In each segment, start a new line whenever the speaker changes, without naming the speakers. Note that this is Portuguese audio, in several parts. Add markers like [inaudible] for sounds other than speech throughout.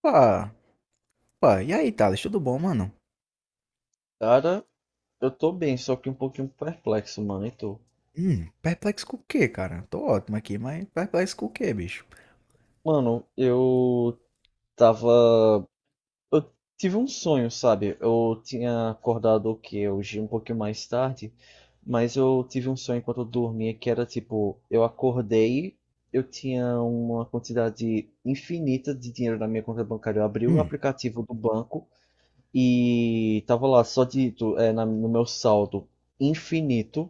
Pá, pá, e aí, Thales, tudo bom, mano?
Cara, eu tô bem, só que um pouquinho perplexo, mano. E tu?
Perplexo com o quê, cara? Tô ótimo aqui, mas perplexo com o quê, bicho?
Mano, eu tava. Eu tive um sonho, sabe? Eu tinha acordado o quê? Hoje um pouquinho mais tarde, mas eu tive um sonho enquanto eu dormia que era tipo: eu acordei, eu tinha uma quantidade infinita de dinheiro na minha conta bancária. Eu abri o
Hum,
aplicativo do banco e tava lá só dito, no meu saldo infinito.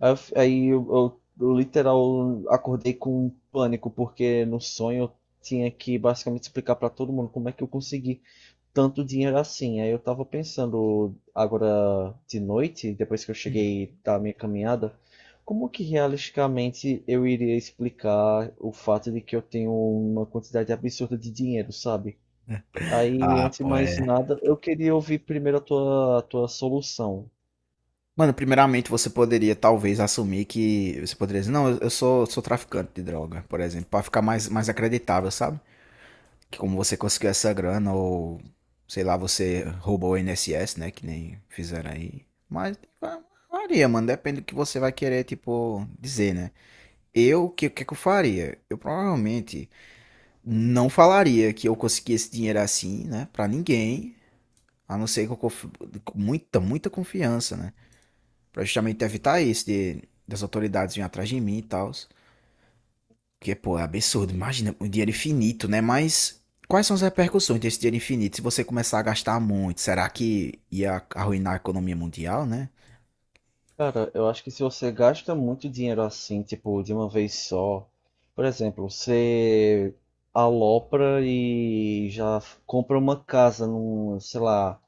Aí eu literal acordei com um pânico, porque no sonho eu tinha que basicamente explicar pra todo mundo como é que eu consegui tanto dinheiro assim. Aí eu tava pensando agora de noite, depois que eu
hum.
cheguei da minha caminhada, como que realisticamente eu iria explicar o fato de que eu tenho uma quantidade absurda de dinheiro, sabe? Aí,
Ah,
antes de
pô,
mais
é.
nada, eu queria ouvir primeiro a tua solução.
Mano, primeiramente você poderia talvez assumir que. Você poderia dizer, não, eu sou, sou traficante de droga, por exemplo, pra ficar mais acreditável, sabe? Que como você conseguiu essa grana, ou sei lá, você roubou o INSS, né? Que nem fizeram aí. Mas varia, mano, depende do que você vai querer, tipo, dizer, né? Eu, o que, que eu faria? Eu provavelmente. Não falaria que eu consegui esse dinheiro assim, né? Pra ninguém. A não ser que com muita, muita confiança, né? Pra justamente evitar isso das autoridades virem atrás de mim e tal. Porque, pô, é absurdo. Imagina, um dinheiro infinito, né? Mas quais são as repercussões desse dinheiro infinito se você começar a gastar muito? Será que ia arruinar a economia mundial, né?
Cara, eu acho que se você gasta muito dinheiro assim, tipo, de uma vez só, por exemplo, você alopra e já compra uma casa num, sei lá,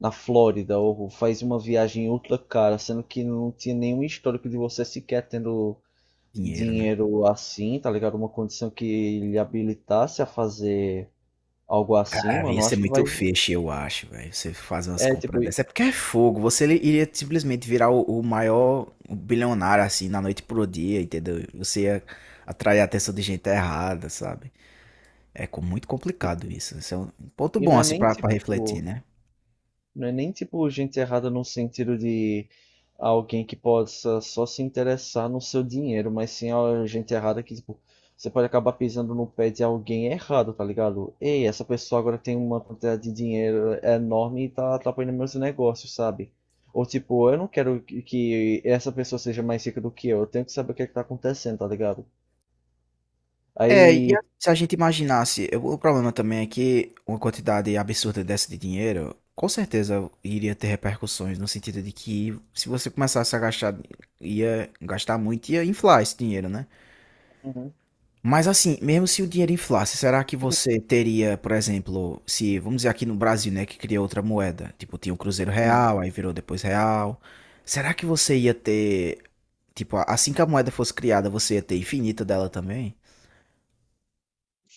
na Flórida, ou faz uma viagem ultra cara, sendo que não tinha nenhum histórico de você sequer tendo
Dinheiro, né?
dinheiro assim, tá ligado? Uma condição que lhe habilitasse a fazer algo assim,
Cara,
mano,
ia
eu
ser
acho que vai.
muito feixe, eu acho, velho. Você fazer umas
É,
compras
tipo,
dessas.
e,
É porque é fogo. Você iria simplesmente virar o maior bilionário, assim, na noite pro dia, entendeu? Você ia atrair a atenção de gente errada, sabe? É muito complicado isso. Isso é um ponto
e
bom,
não é
assim,
nem
pra, pra refletir,
tipo.
né?
Não é nem tipo gente errada no sentido de alguém que possa só se interessar no seu dinheiro, mas sim a gente errada que, tipo, você pode acabar pisando no pé de alguém errado, tá ligado? Ei, essa pessoa agora tem uma quantidade de dinheiro enorme e tá atrapalhando meus negócios, sabe? Ou tipo, eu não quero que essa pessoa seja mais rica do que eu tenho que saber o que é que tá acontecendo, tá ligado?
É, e
Aí.
se a gente imaginasse, o problema também é que uma quantidade absurda dessa de dinheiro, com certeza iria ter repercussões, no sentido de que se você começasse a gastar, ia gastar muito, ia inflar esse dinheiro, né? Mas assim, mesmo se o dinheiro inflasse, será que você teria, por exemplo, se, vamos dizer aqui no Brasil, né, que criou outra moeda, tipo, tinha o Cruzeiro
Uhum.
Real, aí virou depois Real, será que você ia ter, tipo, assim que a moeda fosse criada, você ia ter infinita dela também?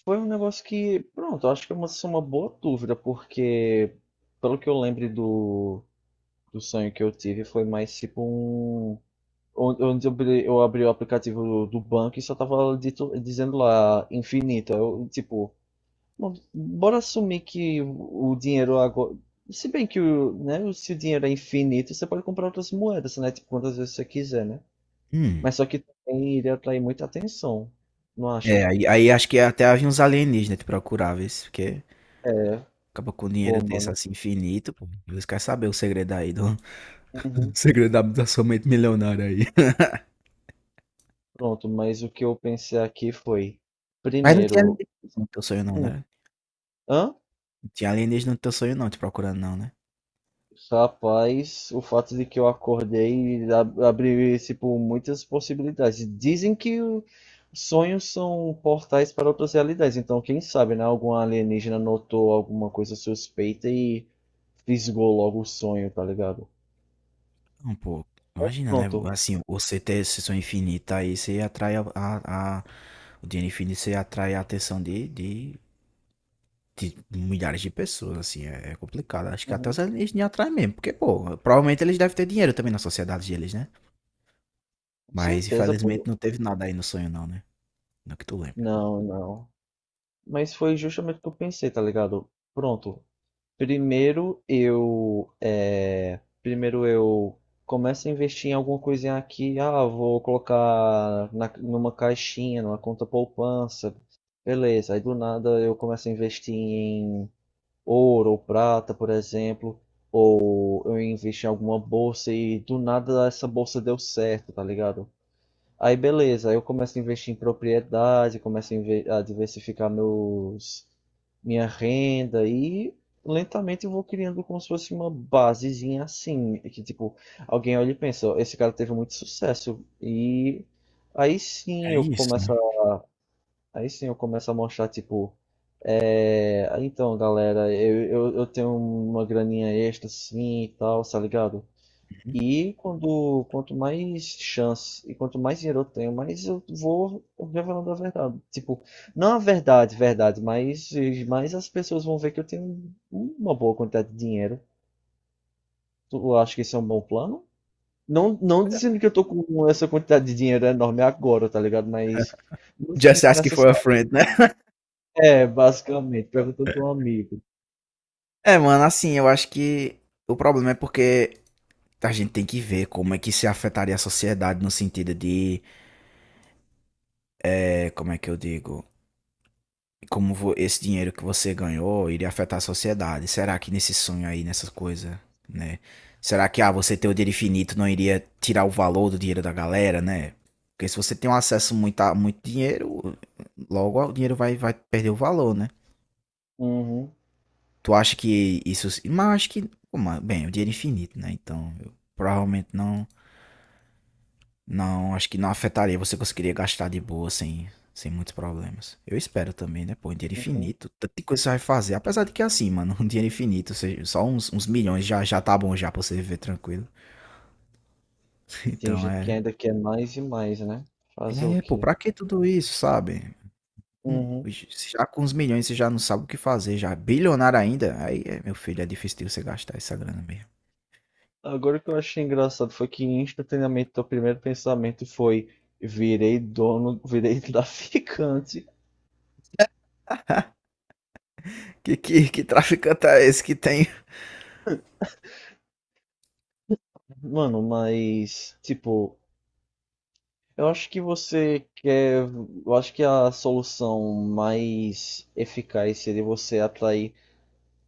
Foi um negócio que, pronto, eu acho que isso é uma boa dúvida, porque pelo que eu lembro do sonho que eu tive, foi mais tipo um. Onde eu abri o aplicativo do banco e só tava dizendo lá infinito. Eu, tipo, bom, bora assumir que o dinheiro agora. Se bem que o, né, se o dinheiro é infinito, você pode comprar outras moedas, né? Tipo, quantas vezes você quiser, né?
Hum.
Mas só que também iria atrair muita atenção, não acha?
É, aí, aí acho que até havia uns alienígenas te procurar, vê se- porque
É,
acaba com um
pô,
dinheiro desse
mano.
assim infinito, pô. Eles querem saber o segredo aí, [laughs] o
Uhum.
segredo da, da sua mente milionária aí.
Pronto, mas o que eu pensei aqui foi,
Mas não tinha
primeiro,
alienígena no teu sonho não,
um,
né?
hã?
Não tinha alienígena no teu sonho não, te procurando não, né?
Rapaz, o fato de que eu acordei abriu, tipo, muitas possibilidades. Dizem que sonhos são portais para outras realidades, então quem sabe, né? Algum alienígena notou alguma coisa suspeita e fisgou logo o sonho, tá ligado?
Não, pô, imagina, né?
Pronto.
Assim, você ter sessão infinita aí, você atrai o dinheiro infinito, você atrai a atenção de milhares de pessoas, assim, é, é complicado. Acho que até os
Uhum.
alienígenas atraem mesmo, porque, pô, provavelmente eles devem ter dinheiro também na sociedade deles, né?
Com
Mas,
certeza,
infelizmente,
pô.
não teve nada aí no sonho, não, né? Não que tu lembra.
Não, não. Mas foi justamente o que eu pensei, tá ligado? Pronto. Primeiro eu começo a investir em alguma coisinha aqui. Ah, vou colocar numa caixinha, numa conta poupança. Beleza. Aí do nada eu começo a investir em ouro ou prata, por exemplo. Ou eu invisto em alguma bolsa e do nada essa bolsa deu certo, tá ligado? Aí beleza, aí eu começo a investir em propriedade, começo a diversificar meus minha renda e lentamente eu vou criando como se fosse uma basezinha assim, que tipo, alguém olha e pensa, "Ó, esse cara teve muito sucesso e aí
É
sim eu
isso, né?
começo a, aí sim eu começo a mostrar tipo, é, então galera, eu tenho uma graninha extra assim e tal, tá ligado? E quando, quanto mais chance e quanto mais dinheiro eu tenho, mais eu vou revelando a verdade. Tipo, não a verdade, verdade, mas as pessoas vão ver que eu tenho uma boa quantidade de dinheiro. Tu acha que isso é um bom plano? Não, não dizendo que eu tô com essa quantidade de dinheiro enorme agora, tá ligado? Mas
Just asking
nessa.
for a friend, né? [laughs]
É, basicamente, perguntando pra um amigo.
É, mano, assim, eu acho que o problema é porque a gente tem que ver como é que se afetaria a sociedade no sentido de, eh, como é que eu digo? Como esse dinheiro que você ganhou iria afetar a sociedade. Será que nesse sonho aí, nessas coisas, né? Será que, ah, você ter o dinheiro infinito não iria tirar o valor do dinheiro da galera, né? Porque se você tem um acesso muito a muito dinheiro, logo o dinheiro vai perder o valor, né?
Uhum,
Tu acha que isso. Mas eu acho que. Pô, mas, bem, o dinheiro é infinito, né? Então, eu provavelmente não. Não, acho que não afetaria. Você conseguiria gastar de boa sem muitos problemas. Eu espero também, né? Pô, um dinheiro
uhum.
infinito. Tanta coisa você vai fazer. Apesar de que é assim, mano, [laughs] um dinheiro infinito, ou seja, só uns milhões já tá bom já pra você viver tranquilo. [laughs]
E tem
Então
gente que
é.
ainda quer mais e mais, né? Fazer o
É, pô,
quê?
pra que tudo isso, sabe?
Uhum.
Já com uns milhões você já não sabe o que fazer, já. Bilionário ainda. Aí, é, meu filho, é difícil de você gastar essa grana mesmo.
Agora o que eu achei engraçado foi que instantaneamente o primeiro pensamento foi virei dono, virei [laughs] traficante.
[laughs] Que traficante é esse que tem?
Mano, mas tipo, eu acho que você quer, eu acho que a solução mais eficaz seria você atrair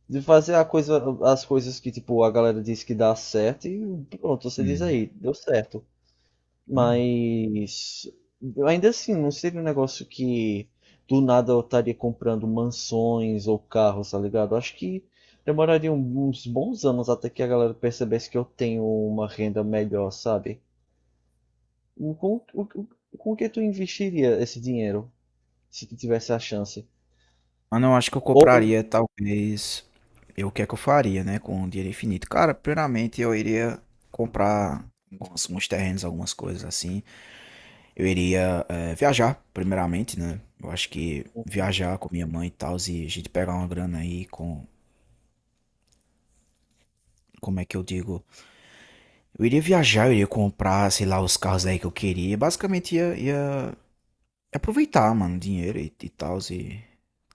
de fazer as coisas que tipo a galera diz que dá certo e pronto, você diz
Hum.
aí, deu certo.
É.
Mas eu ainda assim, não seria um negócio que do nada eu estaria comprando mansões ou carros, tá ligado? Eu acho que demoraria uns bons anos até que a galera percebesse que eu tenho uma renda melhor, sabe? E com que tu investiria esse dinheiro, se tu tivesse a chance?
Mano, eu acho que eu
Ou,
compraria, talvez. Eu, o que é que eu faria, né? Com o dinheiro infinito. Cara, primeiramente eu iria comprar alguns, uns terrenos, algumas coisas assim. Eu iria eh, viajar, primeiramente, né? Eu acho que viajar com minha mãe e tal, e a gente pegar uma grana aí com. Como é que eu digo? Eu iria viajar, eu iria comprar, sei lá, os carros aí que eu queria. Basicamente ia aproveitar, mano, o dinheiro e tal. E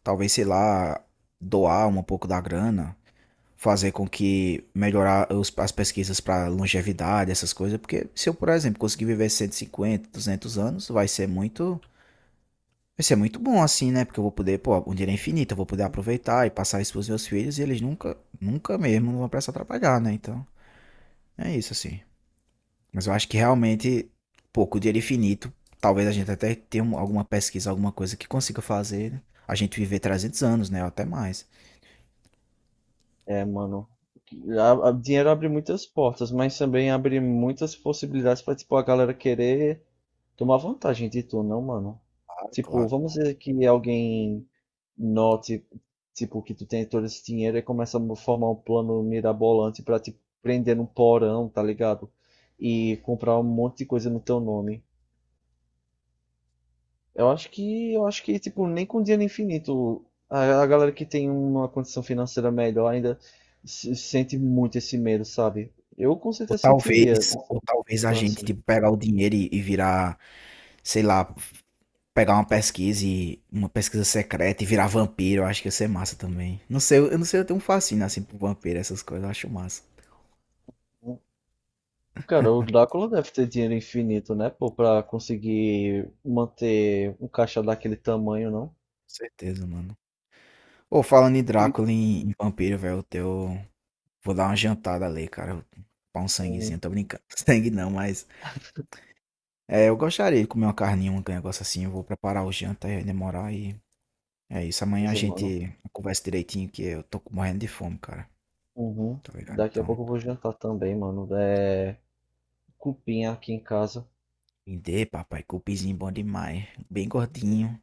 talvez, sei lá, doar um pouco da grana fazer com que melhorar as pesquisas para longevidade, essas coisas, porque se eu, por exemplo, conseguir viver 150 200 anos, vai ser muito bom assim, né? Porque eu vou poder, pô, o dinheiro é infinito, eu vou poder aproveitar e passar isso pros meus filhos e eles nunca, nunca mesmo não vão precisar trabalhar, né? Então, é isso assim. Mas eu acho que realmente, pô, com o dinheiro infinito, talvez a gente até tenha alguma pesquisa, alguma coisa que consiga fazer né? a gente viver 300 anos, né? Ou até mais.
é, mano, dinheiro abre muitas portas, mas também abre muitas possibilidades para tipo a galera querer tomar vantagem de tu, não, mano?
Claro,
Tipo,
claro.
vamos dizer que alguém note, tipo, que tu tem todo esse dinheiro e começa a formar um plano mirabolante pra te prender num porão, tá ligado? E comprar um monte de coisa no teu nome. Tipo, nem com dinheiro infinito, a galera que tem uma condição financeira melhor ainda sente muito esse medo, sabe? Eu com
Ou
certeza sentiria,
talvez, ou talvez a gente
assim.
tipo, pegar o dinheiro e virar, sei lá, pegar uma pesquisa e uma pesquisa secreta e virar vampiro, eu acho que ia ser massa também. Não sei, eu não sei, eu tenho um fascínio assim por vampiro, essas coisas, eu acho massa. Com
Cara, o Drácula deve ter dinheiro infinito, né, pô, pra conseguir manter um caixa daquele tamanho, não?
certeza, mano. Ou falando em
Sim.
Drácula e em vampiro, velho, eu teu vou dar uma jantada ali, cara. Pra um sanguezinho,
Hum,
tô brincando. [laughs] Sangue não, mas é, eu gostaria de comer uma carninha, um negócio assim, eu vou preparar o janta e demorar e é isso, amanhã a
beleza, mano.
gente conversa direitinho que eu tô morrendo de fome, cara.
Uhum.
Tá ligado?
Daqui a
Então,
pouco eu vou jantar também, mano. É cupinha aqui em casa.
entender, papai. Cupinzinho bom demais. Bem gordinho.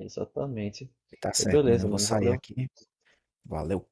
Exatamente.
Tá certo, mano.
Beleza,
Eu vou
mano.
sair
Valeu.
aqui. Valeu.